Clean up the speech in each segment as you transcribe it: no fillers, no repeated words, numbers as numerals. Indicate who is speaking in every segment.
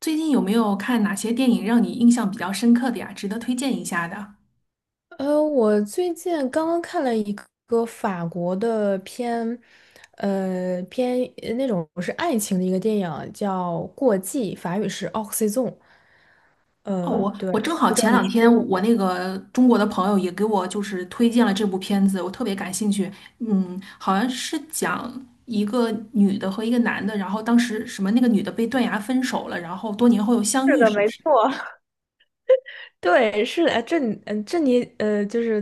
Speaker 1: 最近有没有看哪些电影让你印象比较深刻的呀？值得推荐一下的？
Speaker 2: 我最近刚刚看了一个法国的片，那种是爱情的一个电影，叫《过季》，法语是《o x y z o n e
Speaker 1: 哦，我
Speaker 2: 对，
Speaker 1: 我正好
Speaker 2: 不知
Speaker 1: 前
Speaker 2: 道你
Speaker 1: 两
Speaker 2: 听
Speaker 1: 天
Speaker 2: 说过
Speaker 1: 我
Speaker 2: 没？
Speaker 1: 那个中国的朋友也给我就是推荐了这部片子，我特别感兴趣。嗯，好像是讲一个女的和一个男的，然后当时什么那个女的被断崖分手了，然后多年后又相
Speaker 2: 是
Speaker 1: 遇，
Speaker 2: 的，
Speaker 1: 是不
Speaker 2: 没
Speaker 1: 是？
Speaker 2: 错。对，是的，哎这你，嗯，这你，就是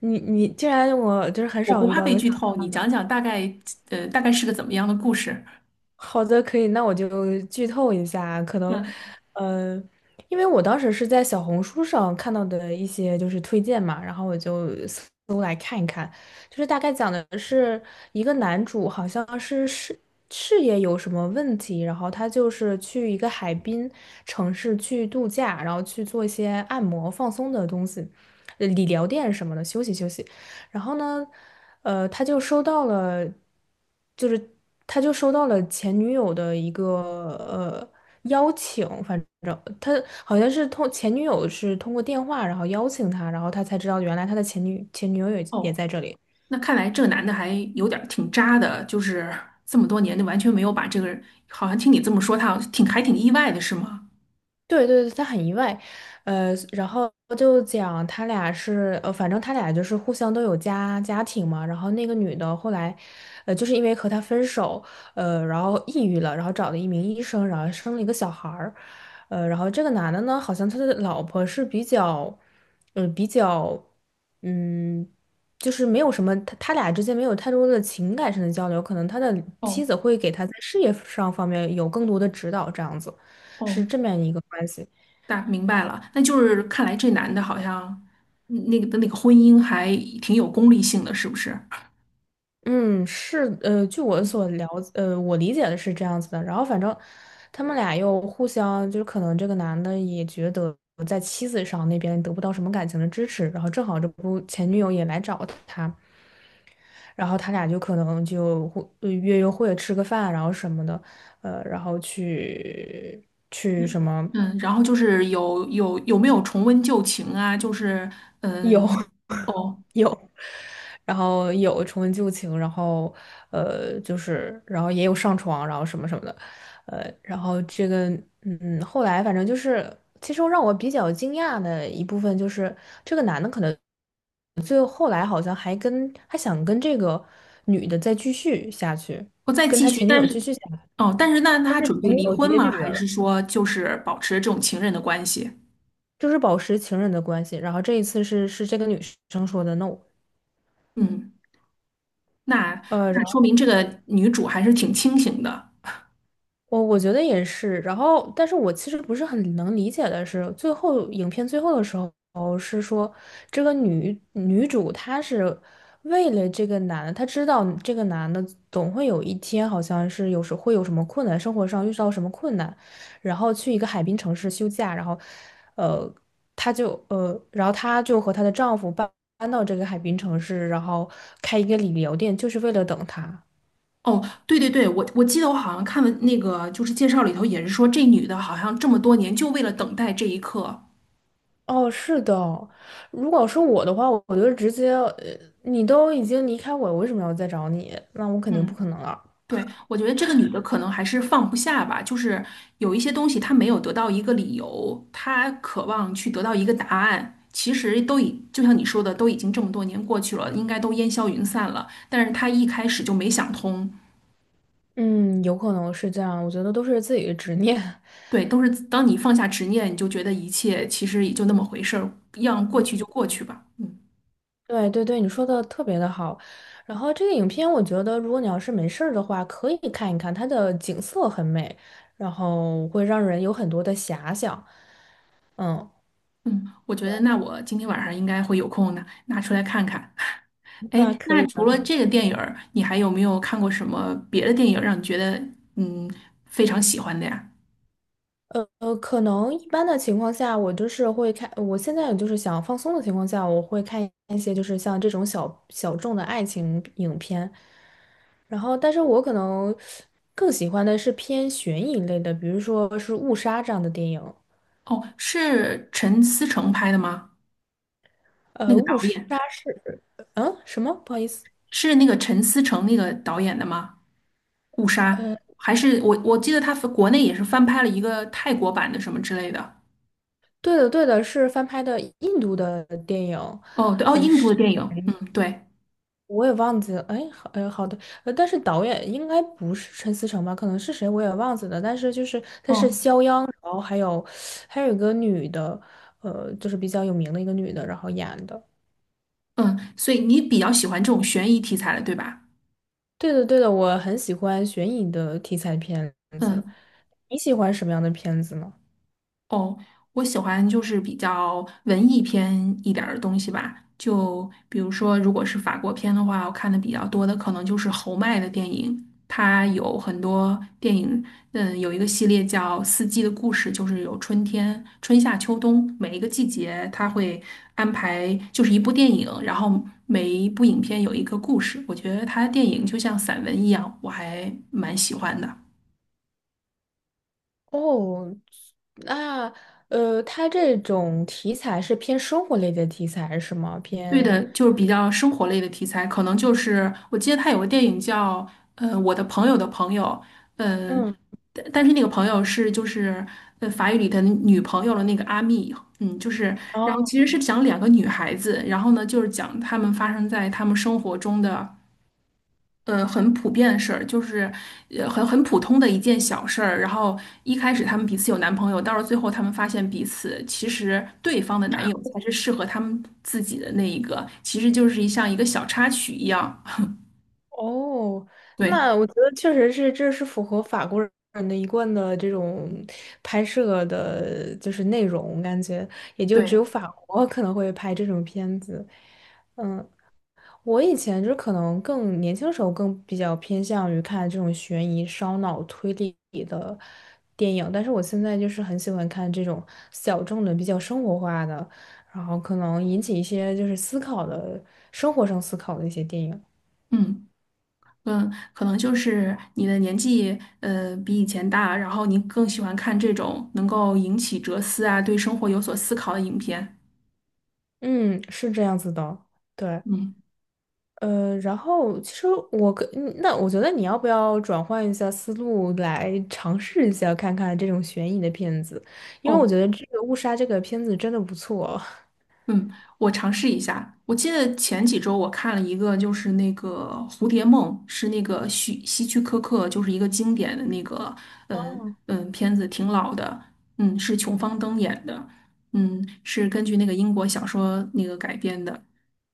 Speaker 2: 你竟然我就是很
Speaker 1: 我不
Speaker 2: 少遇
Speaker 1: 怕
Speaker 2: 到
Speaker 1: 被
Speaker 2: 有想
Speaker 1: 剧透，你
Speaker 2: 看
Speaker 1: 讲
Speaker 2: 的。
Speaker 1: 讲大概，大概是个怎么样的故事？
Speaker 2: 好的，可以，那我就剧透一下，可能，
Speaker 1: 嗯，
Speaker 2: 嗯呃，因为我当时是在小红书上看到的一些就是推荐嘛，然后我就搜来看一看，就是大概讲的是一个男主好像是事业有什么问题，然后他就是去一个海滨城市去度假，然后去做一些按摩放松的东西，理疗店什么的休息休息。然后呢，他就收到了，就是他就收到了前女友的一个呃邀请，反正他好像是通前女友是通过电话，然后邀请他，然后他才知道原来他的前女友也也
Speaker 1: 哦。
Speaker 2: 在这里。
Speaker 1: 那看来这个男的还有点儿挺渣的，就是这么多年就完全没有把这个人，好像听你这么说，他好像挺意外的，是吗？
Speaker 2: 对对对，他很意外，然后就讲他俩是，反正他俩就是互相都有家庭嘛，然后那个女的后来，就是因为和他分手，然后抑郁了，然后找了一名医生，然后生了一个小孩儿，然后这个男的呢，好像他的老婆是比较，嗯，比较，嗯，就是没有什么，他他俩之间没有太多的情感上的交流，可能他的妻
Speaker 1: 哦
Speaker 2: 子会给他在事业上方面有更多的指导，这样子。
Speaker 1: 哦，
Speaker 2: 是这么样一个关系。
Speaker 1: 大明白了，那就是看来这男的好像嗯那个的那个婚姻还挺有功利性的，是不是？
Speaker 2: 嗯，是，据我所了，我理解的是这样子的。然后反正他们俩又互相，就是可能这个男的也觉得在妻子上那边得不到什么感情的支持，然后正好这不前女友也来找他，然后他俩就可能就约会、吃个饭，然后什么的，然后去去什
Speaker 1: 嗯
Speaker 2: 么。
Speaker 1: 嗯，然后就是有没有重温旧情啊？就是。
Speaker 2: 有
Speaker 1: 嗯 哦，
Speaker 2: 有，然后有重温旧情，然后就是然后也有上床，然后什么什么的，然后这个嗯，后来反正就是，其实让我比较惊讶的一部分就是这个男的可能最后后来好像还跟还想跟这个女的再继续下去，
Speaker 1: 不再
Speaker 2: 跟
Speaker 1: 继
Speaker 2: 他
Speaker 1: 续，
Speaker 2: 前女
Speaker 1: 但
Speaker 2: 友继
Speaker 1: 是。
Speaker 2: 续下去
Speaker 1: 哦，但是那
Speaker 2: 但
Speaker 1: 他
Speaker 2: 是
Speaker 1: 准备
Speaker 2: 前女
Speaker 1: 离
Speaker 2: 友直
Speaker 1: 婚
Speaker 2: 接
Speaker 1: 吗？
Speaker 2: 拒绝
Speaker 1: 还
Speaker 2: 了。
Speaker 1: 是说就是保持这种情人的关系？
Speaker 2: 就是保持情人的关系。然后这一次是是这个女生说的 no。
Speaker 1: 嗯。那那
Speaker 2: 呃。
Speaker 1: 说明这个女主还是挺清醒的。
Speaker 2: 我我觉得也是，然后，但是我其实不是很能理解的是，最后影片最后的时候是说，这个女女主她是为了这个男的，她知道这个男的总会有一天好像是有时会有什么困难，生活上遇到什么困难，然后去一个海滨城市休假，然后，呃，她就然后她就和她的丈夫搬到这个海滨城市，然后开一个理疗店，就是为了等他。
Speaker 1: 哦，对对对，我记得我好像看了那个就是介绍里头也是说这女的好像这么多年就为了等待这一刻。
Speaker 2: 哦，是的，如果是我的话，我我就直接，你都已经离开我，我为什么要再找你？那我肯定不
Speaker 1: 嗯，
Speaker 2: 可能了。
Speaker 1: 对，我觉得这个女的可能还是放不下吧，就是有一些东西她没有得到一个理由，她渴望去得到一个答案。其实就像你说的，都已经这么多年过去了，应该都烟消云散了，但是她一开始就没想通。
Speaker 2: 嗯，有可能是这样，我觉得都是自己的执念。
Speaker 1: 对，都是当你放下执念，你就觉得一切其实也就那么回事儿，让过去就过去吧。嗯
Speaker 2: 对对对，你说的特别的好。然后这个影片，我觉得如果你要是没事儿的话，可以看一看，它的景色很美，然后会让人有很多的遐想。嗯，
Speaker 1: 嗯，我觉得那我今天晚上应该会有空的，拿出来看看。
Speaker 2: 那
Speaker 1: 哎，
Speaker 2: 可
Speaker 1: 那
Speaker 2: 以
Speaker 1: 除
Speaker 2: 的。
Speaker 1: 了这个电影儿，你还有没有看过什么别的电影儿让你觉得嗯非常喜欢的呀？
Speaker 2: 可能一般的情况下，我就是会看，我现在就是想放松的情况下，我会看一些就是像这种小众的爱情影片，然后，但是我可能更喜欢的是偏悬疑类的，比如说是《误杀》这样的电影。
Speaker 1: 哦，是陈思诚拍的吗？那个导
Speaker 2: 《误杀》
Speaker 1: 演
Speaker 2: 是，嗯，什么？不好意思，
Speaker 1: 是那个陈思诚那个导演的吗？《误杀》
Speaker 2: 呃，
Speaker 1: 还是我记得他国内也是翻拍了一个泰国版的什么之类的。
Speaker 2: 对的对的，是翻拍的印度的电影，
Speaker 1: 哦，对，哦，印度的电影，嗯，对。
Speaker 2: 我也忘记了，哎，好，哎，好的，但是导演应该不是陈思诚吧？可能是谁我也忘记了，但是就是他是
Speaker 1: 哦，
Speaker 2: 肖央，然后还有还有一个女的，就是比较有名的一个女的，然后演的。
Speaker 1: 嗯，所以你比较喜欢这种悬疑题材的，对吧？
Speaker 2: 对的，对的，我很喜欢悬疑的题材片子。
Speaker 1: 嗯，
Speaker 2: 你喜欢什么样的片子呢？
Speaker 1: 哦，我喜欢就是比较文艺片一点儿的东西吧，就比如说，如果是法国片的话，我看的比较多的可能就是侯麦的电影，他有很多电影。嗯，有一个系列叫《四季的故事》，就是有春天、春夏秋冬，每一个季节他会安排就是一部电影，然后每一部影片有一个故事，我觉得他的电影就像散文一样，我还蛮喜欢的。
Speaker 2: 哦，那它这种题材是偏生活类的题材是吗？
Speaker 1: 对
Speaker 2: 偏，
Speaker 1: 的，就是比较生活类的题材，可能就是我记得他有个电影叫《我的朋友的朋友》。嗯、
Speaker 2: 嗯。
Speaker 1: 但是那个朋友是就是法语里的女朋友的那个阿蜜，嗯，就是然后其实是讲两个女孩子，然后呢就是讲她们发生在她们生活中的。很普遍的事儿，就是很普通的一件小事儿。然后一开始他们彼此有男朋友，到了最后他们发现彼此其实对方的男友才是适合他们自己的那一个，其实就是一个小插曲一样。
Speaker 2: 哦，
Speaker 1: 对
Speaker 2: 那我觉得确实是，这是符合法国人的一贯的这种拍摄的，就是内容，感觉也就只有
Speaker 1: 对，
Speaker 2: 法国可能会拍这种片子。嗯，我以前就可能更年轻的时候更比较偏向于看这种悬疑、烧脑、推理的电影，但是我现在就是很喜欢看这种小众的、比较生活化的，然后可能引起一些就是思考的、生活上思考的一些电影。
Speaker 1: 嗯嗯，可能就是你的年纪比以前大，然后你更喜欢看这种能够引起哲思啊，对生活有所思考的影片。
Speaker 2: 嗯，是这样子的，对，
Speaker 1: 嗯，
Speaker 2: 然后其实我跟嗯那我觉得你要不要转换一下思路来尝试一下看看这种悬疑的片子，因为我
Speaker 1: 哦。
Speaker 2: 觉得这个《误杀》这个片子真的不错。
Speaker 1: 嗯，我尝试一下。我记得前几周我看了一个，就是那个《蝴蝶梦》，是那个希区柯克，就是一个经典的那个。嗯
Speaker 2: 哦
Speaker 1: 嗯，片子挺老的，嗯，是琼芳登演的，嗯，是根据那个英国小说那个改编的。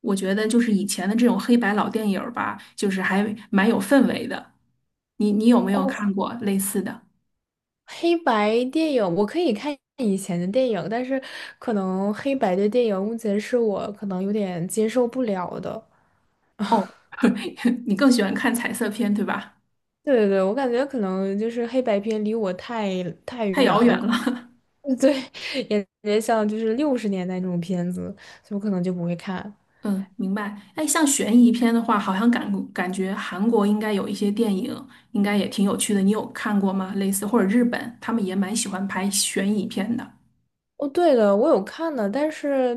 Speaker 1: 我觉得就是以前的这种黑白老电影儿吧，就是还蛮有氛围的。你有没 有
Speaker 2: 哦，
Speaker 1: 看过类似的？
Speaker 2: 黑白电影我可以看以前的电影，但是可能黑白的电影目前是我可能有点接受不了的。
Speaker 1: 哦，你更喜欢看彩色片，对吧？
Speaker 2: 对对对，我感觉可能就是黑白片离我太
Speaker 1: 太
Speaker 2: 远
Speaker 1: 遥
Speaker 2: 了，
Speaker 1: 远了。
Speaker 2: 对，也也像就是60年代那种片子，所以我可能就不会看。
Speaker 1: 嗯，明白。哎，像悬疑片的话，好像感觉韩国应该有一些电影，应该也挺有趣的。你有看过吗？类似或者日本，他们也蛮喜欢拍悬疑片的。
Speaker 2: 哦，对了，我有看的，但是，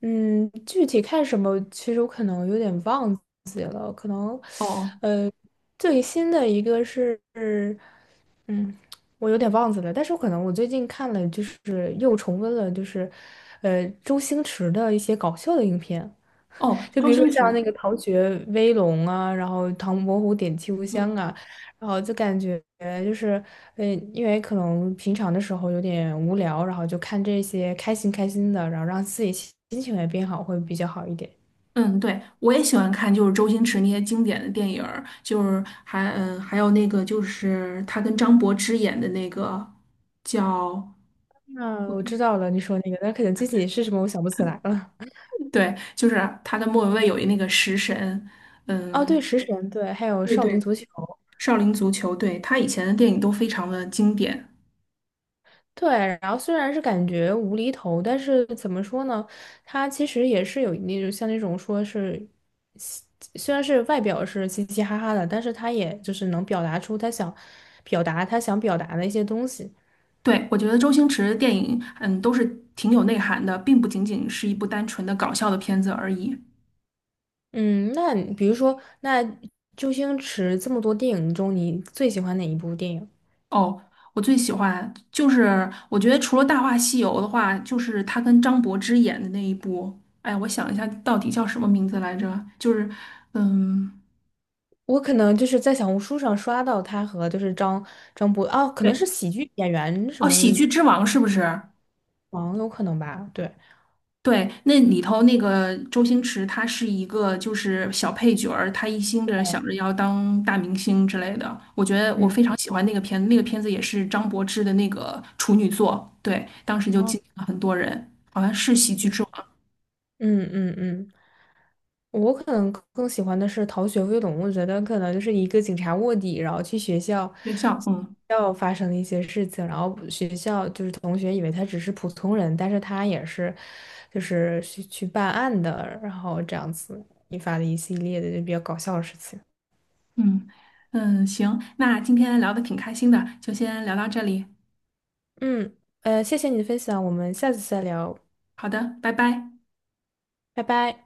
Speaker 2: 嗯，具体看什么，其实我可能有点忘记可能，
Speaker 1: 哦
Speaker 2: 呃，最新的一个是，嗯，我有点忘记了，但是我可能我最近看了，就是又重温了，就是，周星驰的一些搞笑的影片。
Speaker 1: 哦，
Speaker 2: 就比
Speaker 1: 周
Speaker 2: 如说
Speaker 1: 星
Speaker 2: 像那
Speaker 1: 驰。
Speaker 2: 个《逃学威龙》啊，然后《唐伯虎点秋香》
Speaker 1: 对，
Speaker 2: 啊，然后就感觉就是，嗯，因为可能平常的时候有点无聊，然后就看这些开心开心的，然后让自己心情也变好，会比较好一点。
Speaker 1: 嗯，对，我也喜欢看，就是周星驰那些经典的电影儿，就是还嗯，还有那个就是他跟张柏芝演的那个叫，
Speaker 2: 那我知道了，你说那个，但可能具体是什么我想不起来了。
Speaker 1: 对，就是他跟莫文蔚有一那个食神，
Speaker 2: 哦，
Speaker 1: 嗯。
Speaker 2: 对，食神，对，还有
Speaker 1: 对
Speaker 2: 少年
Speaker 1: 对，
Speaker 2: 足球。
Speaker 1: 少林足球，对，他以前的电影都非常的经典。
Speaker 2: 对，然后虽然是感觉无厘头，但是怎么说呢？他其实也是有那种像那种说是嘻，虽然是外表是嘻嘻哈哈的，但是他也就是能表达出他想表达的一些东西。
Speaker 1: 对，我觉得周星驰的电影，嗯，都是挺有内涵的，并不仅仅是一部单纯的搞笑的片子而已。
Speaker 2: 嗯，那你比如说，那周星驰这么多电影中，你最喜欢哪一部电影？
Speaker 1: 哦，我最喜欢就是我觉得除了《大话西游》的话，就是他跟张柏芝演的那一部。哎，我想一下，到底叫什么名字来着？就是。嗯，
Speaker 2: 我可能就是在小红书上刷到他和就是张博哦，可能是
Speaker 1: 对，
Speaker 2: 喜剧演员什
Speaker 1: 哦，
Speaker 2: 么
Speaker 1: 《喜剧之王》是不是？
Speaker 2: 王有可能吧？对，
Speaker 1: 对，那里头那个周星驰，他是一个就是小配角儿，他一心着想着要当大明星之类的。我觉得我
Speaker 2: 嗯，
Speaker 1: 非常喜欢那个片子，那个片子也是张柏芝的那个处女作，对，当时就
Speaker 2: 哦
Speaker 1: 激艳了很多人，去
Speaker 2: 嗯
Speaker 1: 吃我的
Speaker 2: 嗯嗯。嗯我可能更喜欢的是逃学威龙，我觉得可能就是一个警察卧底，然后去学校，
Speaker 1: 学校，嗯
Speaker 2: 要发生的一些事情，然后学校就是同学以为他只是普通人，但是他也是，就是去去办案的，然后这样子引发的一系列的就比较搞笑的事情。
Speaker 1: 嗯嗯，行，那今天聊的挺开心的，就先聊到这里，
Speaker 2: 嗯，谢谢你的分享，我们下次再聊，
Speaker 1: 好的，拜拜。
Speaker 2: 拜拜。